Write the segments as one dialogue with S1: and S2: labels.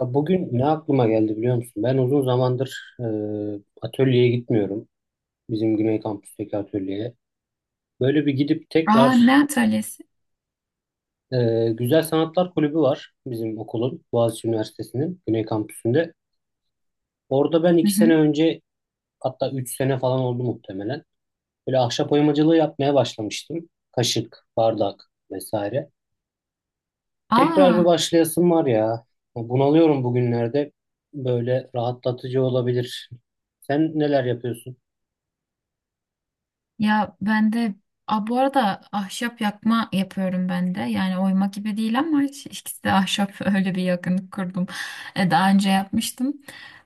S1: Ya bugün ne aklıma geldi biliyor musun? Ben uzun zamandır atölyeye gitmiyorum. Bizim Güney Kampüs'teki atölyeye. Böyle bir gidip
S2: Aa, ne
S1: tekrar
S2: atölyesi?
S1: e, Güzel Sanatlar Kulübü var bizim okulun, Boğaziçi Üniversitesi'nin Güney Kampüsü'nde. Orada ben
S2: Hı
S1: iki sene
S2: hı.
S1: önce, hatta üç sene falan oldu muhtemelen. Böyle ahşap oymacılığı yapmaya başlamıştım. Kaşık, bardak vesaire. Tekrar bir
S2: Aa,
S1: başlayasım var ya. Bunalıyorum bugünlerde. Böyle rahatlatıcı olabilir. Sen neler yapıyorsun?
S2: ya ben de. Aa, bu arada ahşap yakma yapıyorum ben de. Yani oyma gibi değil ama ikisi de ahşap öyle bir yakınlık kurdum. Daha önce yapmıştım.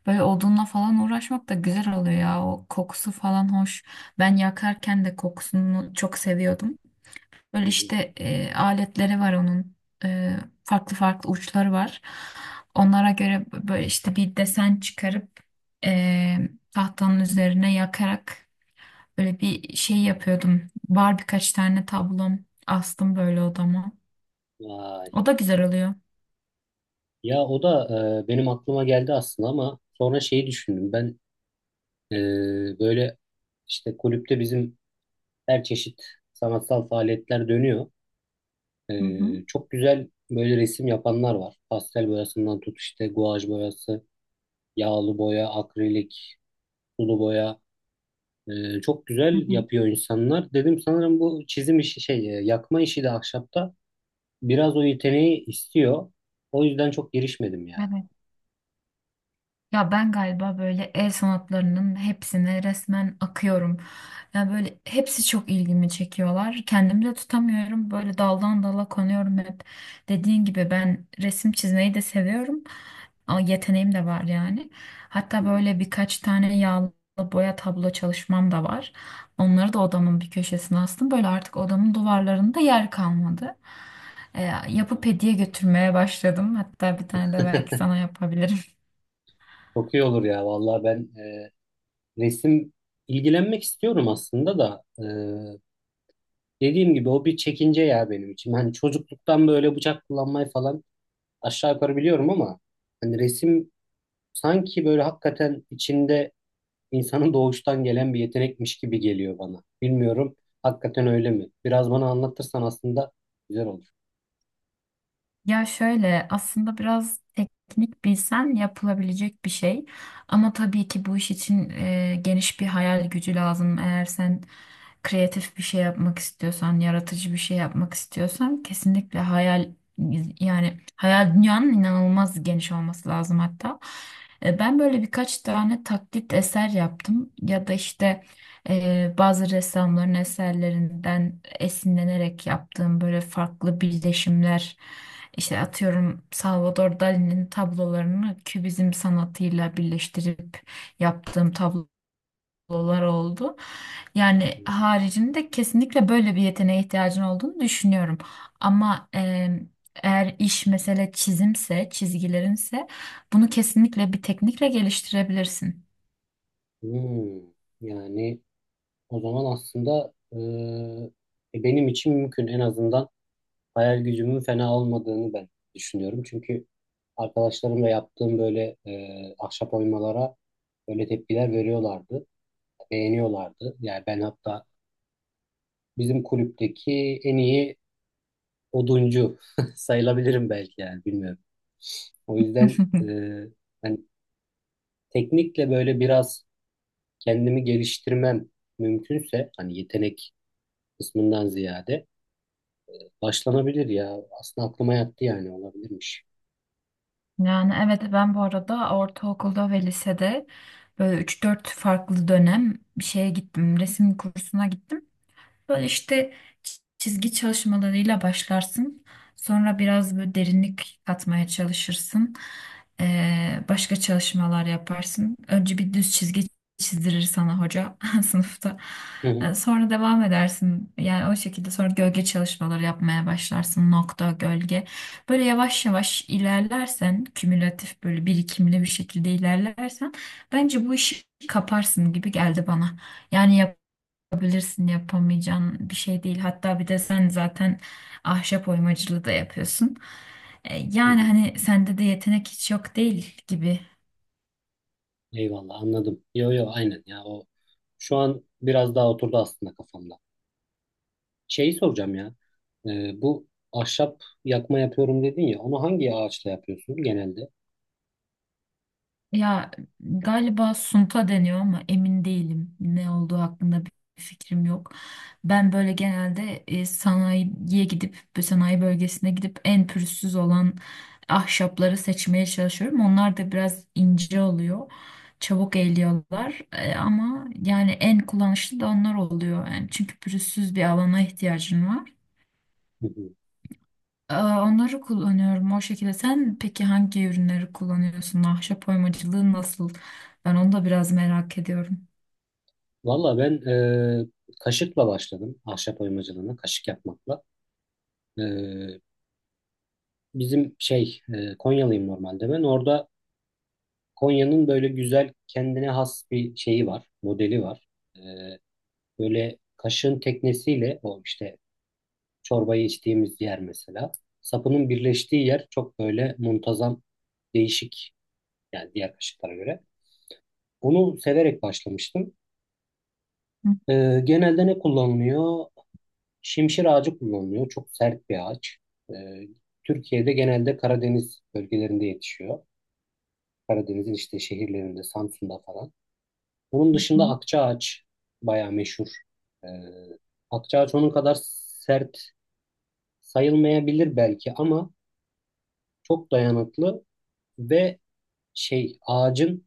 S2: Böyle odunla falan uğraşmak da güzel oluyor ya. O kokusu falan hoş. Ben yakarken de kokusunu çok seviyordum. Böyle
S1: Hı hı.
S2: işte aletleri var onun. E, Farklı farklı uçları var. Onlara göre böyle işte bir desen çıkarıp e, tahtanın üzerine yakarak böyle bir şey yapıyordum. Var birkaç tane tablom, astım böyle odama.
S1: Vay.
S2: O da güzel oluyor.
S1: Ya o da benim aklıma geldi aslında ama sonra şeyi düşündüm. Ben böyle işte kulüpte bizim her çeşit sanatsal faaliyetler dönüyor. E,
S2: Hı hı.
S1: çok güzel böyle resim yapanlar var. Pastel boyasından tut işte guaj boyası, yağlı boya, akrilik, sulu boya. E, çok
S2: Hı
S1: güzel
S2: hı.
S1: yapıyor insanlar. Dedim sanırım bu çizim işi şey yakma işi de ahşapta biraz o yeteneği istiyor. O yüzden çok girişmedim ya.
S2: Evet. Ya ben galiba böyle el sanatlarının hepsine resmen akıyorum. Ya böyle hepsi çok ilgimi çekiyorlar. Kendimi de tutamıyorum. Böyle daldan dala konuyorum hep. Dediğin gibi ben resim çizmeyi de seviyorum. Ama yeteneğim de var yani. Hatta
S1: Hı
S2: böyle birkaç tane yağlı boya tablo çalışmam da var. Onları da odamın bir köşesine astım. Böyle artık odamın duvarlarında yer kalmadı. Yapıp
S1: hı.
S2: hediye götürmeye başladım. Hatta bir tane de belki sana yapabilirim.
S1: Çok iyi olur ya vallahi ben resim ilgilenmek istiyorum aslında da dediğim gibi o bir çekince ya benim için. Hani çocukluktan böyle bıçak kullanmayı falan aşağı yukarı biliyorum ama hani resim sanki böyle hakikaten içinde insanın doğuştan gelen bir yetenekmiş gibi geliyor bana. Bilmiyorum, hakikaten öyle mi? Biraz bana anlatırsan aslında güzel olur.
S2: Ya şöyle, aslında biraz teknik bilsen yapılabilecek bir şey. Ama tabii ki bu iş için geniş bir hayal gücü lazım. Eğer sen kreatif bir şey yapmak istiyorsan, yaratıcı bir şey yapmak istiyorsan kesinlikle hayal, yani hayal dünyanın inanılmaz geniş olması lazım hatta. Ben böyle birkaç tane taklit eser yaptım ya da işte bazı ressamların eserlerinden esinlenerek yaptığım böyle farklı birleşimler, işte atıyorum Salvador Dali'nin tablolarını kübizm sanatıyla birleştirip yaptığım tablolar oldu. Yani
S1: Hmm.
S2: haricinde kesinlikle böyle bir yeteneğe ihtiyacın olduğunu düşünüyorum. Ama eğer iş mesele çizimse, çizgilerinse bunu kesinlikle bir teknikle geliştirebilirsin.
S1: Hmm. Yani o zaman aslında benim için mümkün. En azından hayal gücümün fena olmadığını ben düşünüyorum. Çünkü arkadaşlarımla yaptığım böyle ahşap oymalara böyle tepkiler veriyorlardı, beğeniyorlardı. Yani ben hatta bizim kulüpteki en iyi oduncu sayılabilirim belki, yani bilmiyorum. O yüzden hani teknikle böyle biraz kendimi geliştirmem mümkünse, hani yetenek kısmından ziyade başlanabilir ya. Aslında aklıma yattı, yani olabilirmiş.
S2: Yani evet, ben bu arada ortaokulda ve lisede böyle üç dört farklı dönem bir şeye gittim. Resim kursuna gittim. Böyle işte çizgi çalışmalarıyla başlarsın. Sonra biraz böyle derinlik katmaya çalışırsın. Başka çalışmalar yaparsın. Önce bir düz çizgi çizdirir sana hoca sınıfta.
S1: Hı hı.
S2: Sonra devam edersin. Yani o şekilde sonra gölge çalışmaları yapmaya başlarsın. Nokta, gölge. Böyle yavaş yavaş ilerlersen, kümülatif böyle birikimli bir şekilde ilerlersen bence bu işi kaparsın gibi geldi bana. Yani yapabilirsin, yapamayacağın bir şey değil. Hatta bir de sen zaten ahşap oymacılığı da yapıyorsun.
S1: Hı
S2: Yani
S1: hı.
S2: hani sende de yetenek hiç yok değil gibi.
S1: Eyvallah, anladım. Yo yo, aynen ya, o şu an biraz daha oturdu aslında kafamda. Şeyi soracağım ya. Bu ahşap yakma yapıyorum dedin ya. Onu hangi ağaçla yapıyorsun genelde?
S2: Ya galiba sunta deniyor ama emin değilim. Ne olduğu hakkında bir fikrim yok. Ben böyle genelde sanayiye gidip, sanayi bölgesine gidip en pürüzsüz olan ahşapları seçmeye çalışıyorum. Onlar da biraz ince oluyor. Çabuk eğiliyorlar. Ama yani en kullanışlı da onlar oluyor. Yani çünkü pürüzsüz bir alana ihtiyacın var.
S1: Hı hı.
S2: Aa, onları kullanıyorum o şekilde. Sen peki hangi ürünleri kullanıyorsun? Ahşap oymacılığı nasıl? Ben onu da biraz merak ediyorum.
S1: Valla ben kaşıkla başladım ahşap oymacılığına, kaşık yapmakla. E, Bizim şey Konyalıyım normalde ben. Orada Konya'nın böyle güzel kendine has bir şeyi var, modeli var. E, böyle kaşığın teknesiyle, o işte çorbayı içtiğimiz yer mesela. Sapının birleştiği yer çok böyle muntazam, değişik yani, diğer kaşıklara göre. Onu severek başlamıştım.
S2: Hı
S1: Genelde ne kullanılıyor? Şimşir ağacı kullanılıyor. Çok sert bir ağaç. Ee, Türkiye'de genelde Karadeniz bölgelerinde yetişiyor. Karadeniz'in işte şehirlerinde, Samsun'da falan. Onun dışında
S2: hı.
S1: akça ağaç bayağı meşhur. Ee, akça ağaç onun kadar sert sayılmayabilir belki ama çok dayanıklı ve şey, ağacın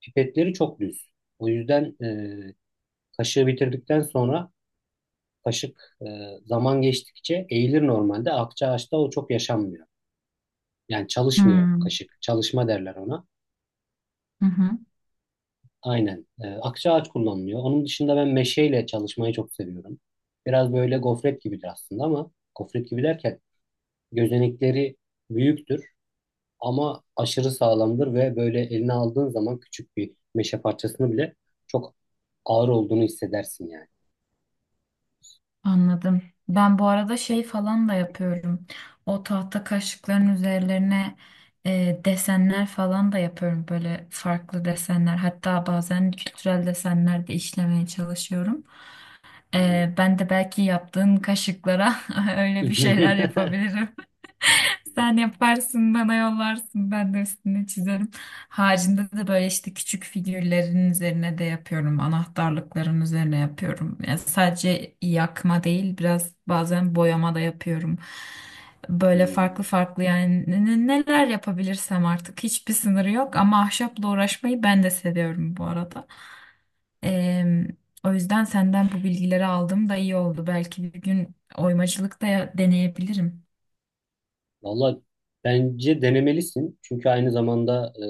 S1: pipetleri çok düz. O yüzden e, kaşığı bitirdikten sonra kaşık zaman geçtikçe eğilir normalde. Akça ağaçta o çok yaşanmıyor. Yani çalışmıyor
S2: Hmm,
S1: kaşık. Çalışma derler ona.
S2: hı hı.
S1: Aynen. E, akça ağaç kullanılıyor. Onun dışında ben meşeyle çalışmayı çok seviyorum. Biraz böyle gofret gibidir aslında, ama gofret gibi derken gözenekleri büyüktür. Ama aşırı sağlamdır ve böyle eline aldığın zaman küçük bir meşe parçasını bile çok ağır olduğunu hissedersin yani.
S2: Anladım. Ben bu arada şey falan da yapıyorum. O tahta kaşıkların üzerlerine desenler falan da yapıyorum. Böyle farklı desenler. Hatta bazen kültürel desenler de işlemeye çalışıyorum.
S1: Hmm.
S2: Ben de belki yaptığın kaşıklara öyle bir şeyler yapabilirim. Sen yaparsın, bana yollarsın, ben de üstüne çizerim. Haricinde de böyle işte küçük figürlerin üzerine de yapıyorum, anahtarlıkların üzerine yapıyorum. Yani sadece yakma değil, biraz bazen boyama da yapıyorum. Böyle
S1: Hmm.
S2: farklı farklı, yani neler yapabilirsem artık, hiçbir sınırı yok, ama ahşapla uğraşmayı ben de seviyorum bu arada. Em, O yüzden senden bu bilgileri aldım da iyi oldu. Belki bir gün oymacılık da deneyebilirim.
S1: Valla bence denemelisin. Çünkü aynı zamanda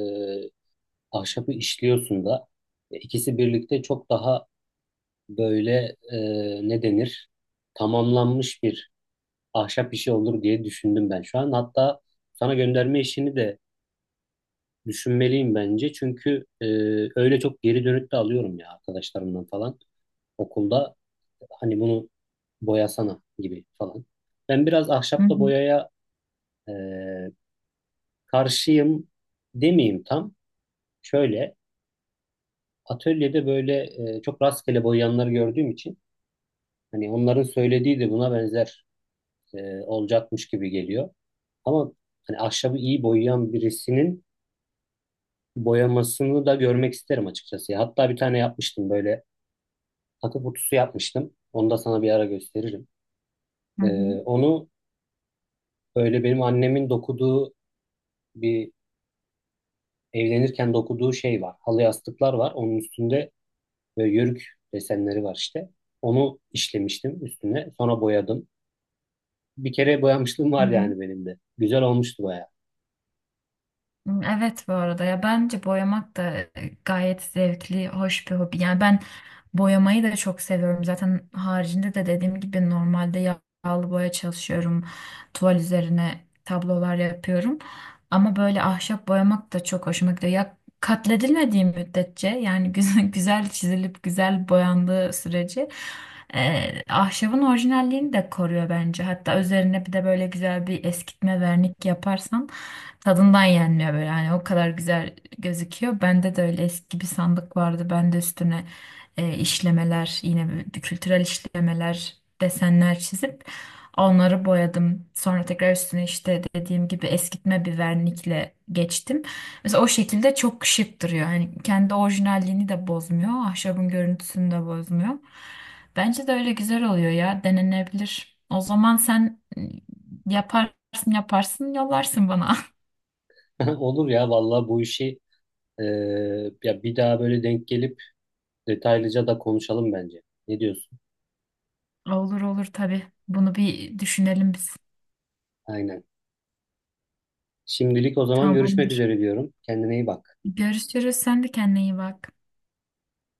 S1: ahşabı işliyorsun da. E, İkisi birlikte çok daha böyle, e, ne denir? Tamamlanmış bir ahşap işi olur diye düşündüm ben şu an. Hatta sana gönderme işini de düşünmeliyim bence çünkü öyle çok geri dönüt de alıyorum ya arkadaşlarımdan falan okulda, hani bunu boyasana gibi falan. Ben biraz
S2: Hı hı.
S1: ahşapla boyaya e, karşıyım demeyeyim tam. Şöyle atölyede böyle çok rastgele boyayanları gördüğüm için hani onların söylediği de buna benzer olacakmış gibi geliyor. Ama hani ahşabı iyi boyayan birisinin boyamasını da görmek isterim açıkçası. Hatta bir tane yapmıştım böyle, takı kutusu yapmıştım. Onu da sana bir ara gösteririm.
S2: Hı hı.
S1: Onu böyle benim annemin dokuduğu bir, evlenirken dokuduğu şey var. Halı yastıklar var. Onun üstünde böyle yörük desenleri var işte. Onu işlemiştim üstüne. Sonra boyadım. Bir kere boyamışlığım
S2: Hı
S1: var
S2: hı.
S1: yani benim de. Güzel olmuştu bayağı.
S2: Hmm, evet. Bu arada ya bence boyamak da gayet zevkli, hoş bir hobi. Yani ben boyamayı da çok seviyorum. Zaten haricinde de dediğim gibi normalde yağlı boya çalışıyorum. Tuval üzerine tablolar yapıyorum. Ama böyle ahşap boyamak da çok hoşuma gidiyor. Ya katledilmediği müddetçe yani güzel, güzel çizilip güzel boyandığı sürece ahşabın orijinalliğini de koruyor bence. Hatta üzerine bir de böyle güzel bir eskitme vernik yaparsan tadından yenmiyor böyle, hani o kadar güzel gözüküyor. Bende de öyle eski bir sandık vardı. Ben de üstüne işlemeler, yine kültürel işlemeler, desenler çizip onları boyadım. Sonra tekrar üstüne işte dediğim gibi eskitme bir vernikle geçtim. Mesela o şekilde çok şık duruyor. Hani kendi orijinalliğini de bozmuyor. Ahşabın görüntüsünü de bozmuyor. Bence de öyle güzel oluyor ya. Denenebilir. O zaman sen yaparsın, yollarsın bana.
S1: Olur ya vallahi, bu işi e, ya bir daha böyle denk gelip detaylıca da konuşalım bence. Ne diyorsun?
S2: Olur olur, tabii. Bunu bir düşünelim biz.
S1: Aynen. Şimdilik o zaman görüşmek
S2: Tamamdır.
S1: üzere diyorum. Kendine iyi bak.
S2: Görüşürüz. Sen de kendine iyi bak.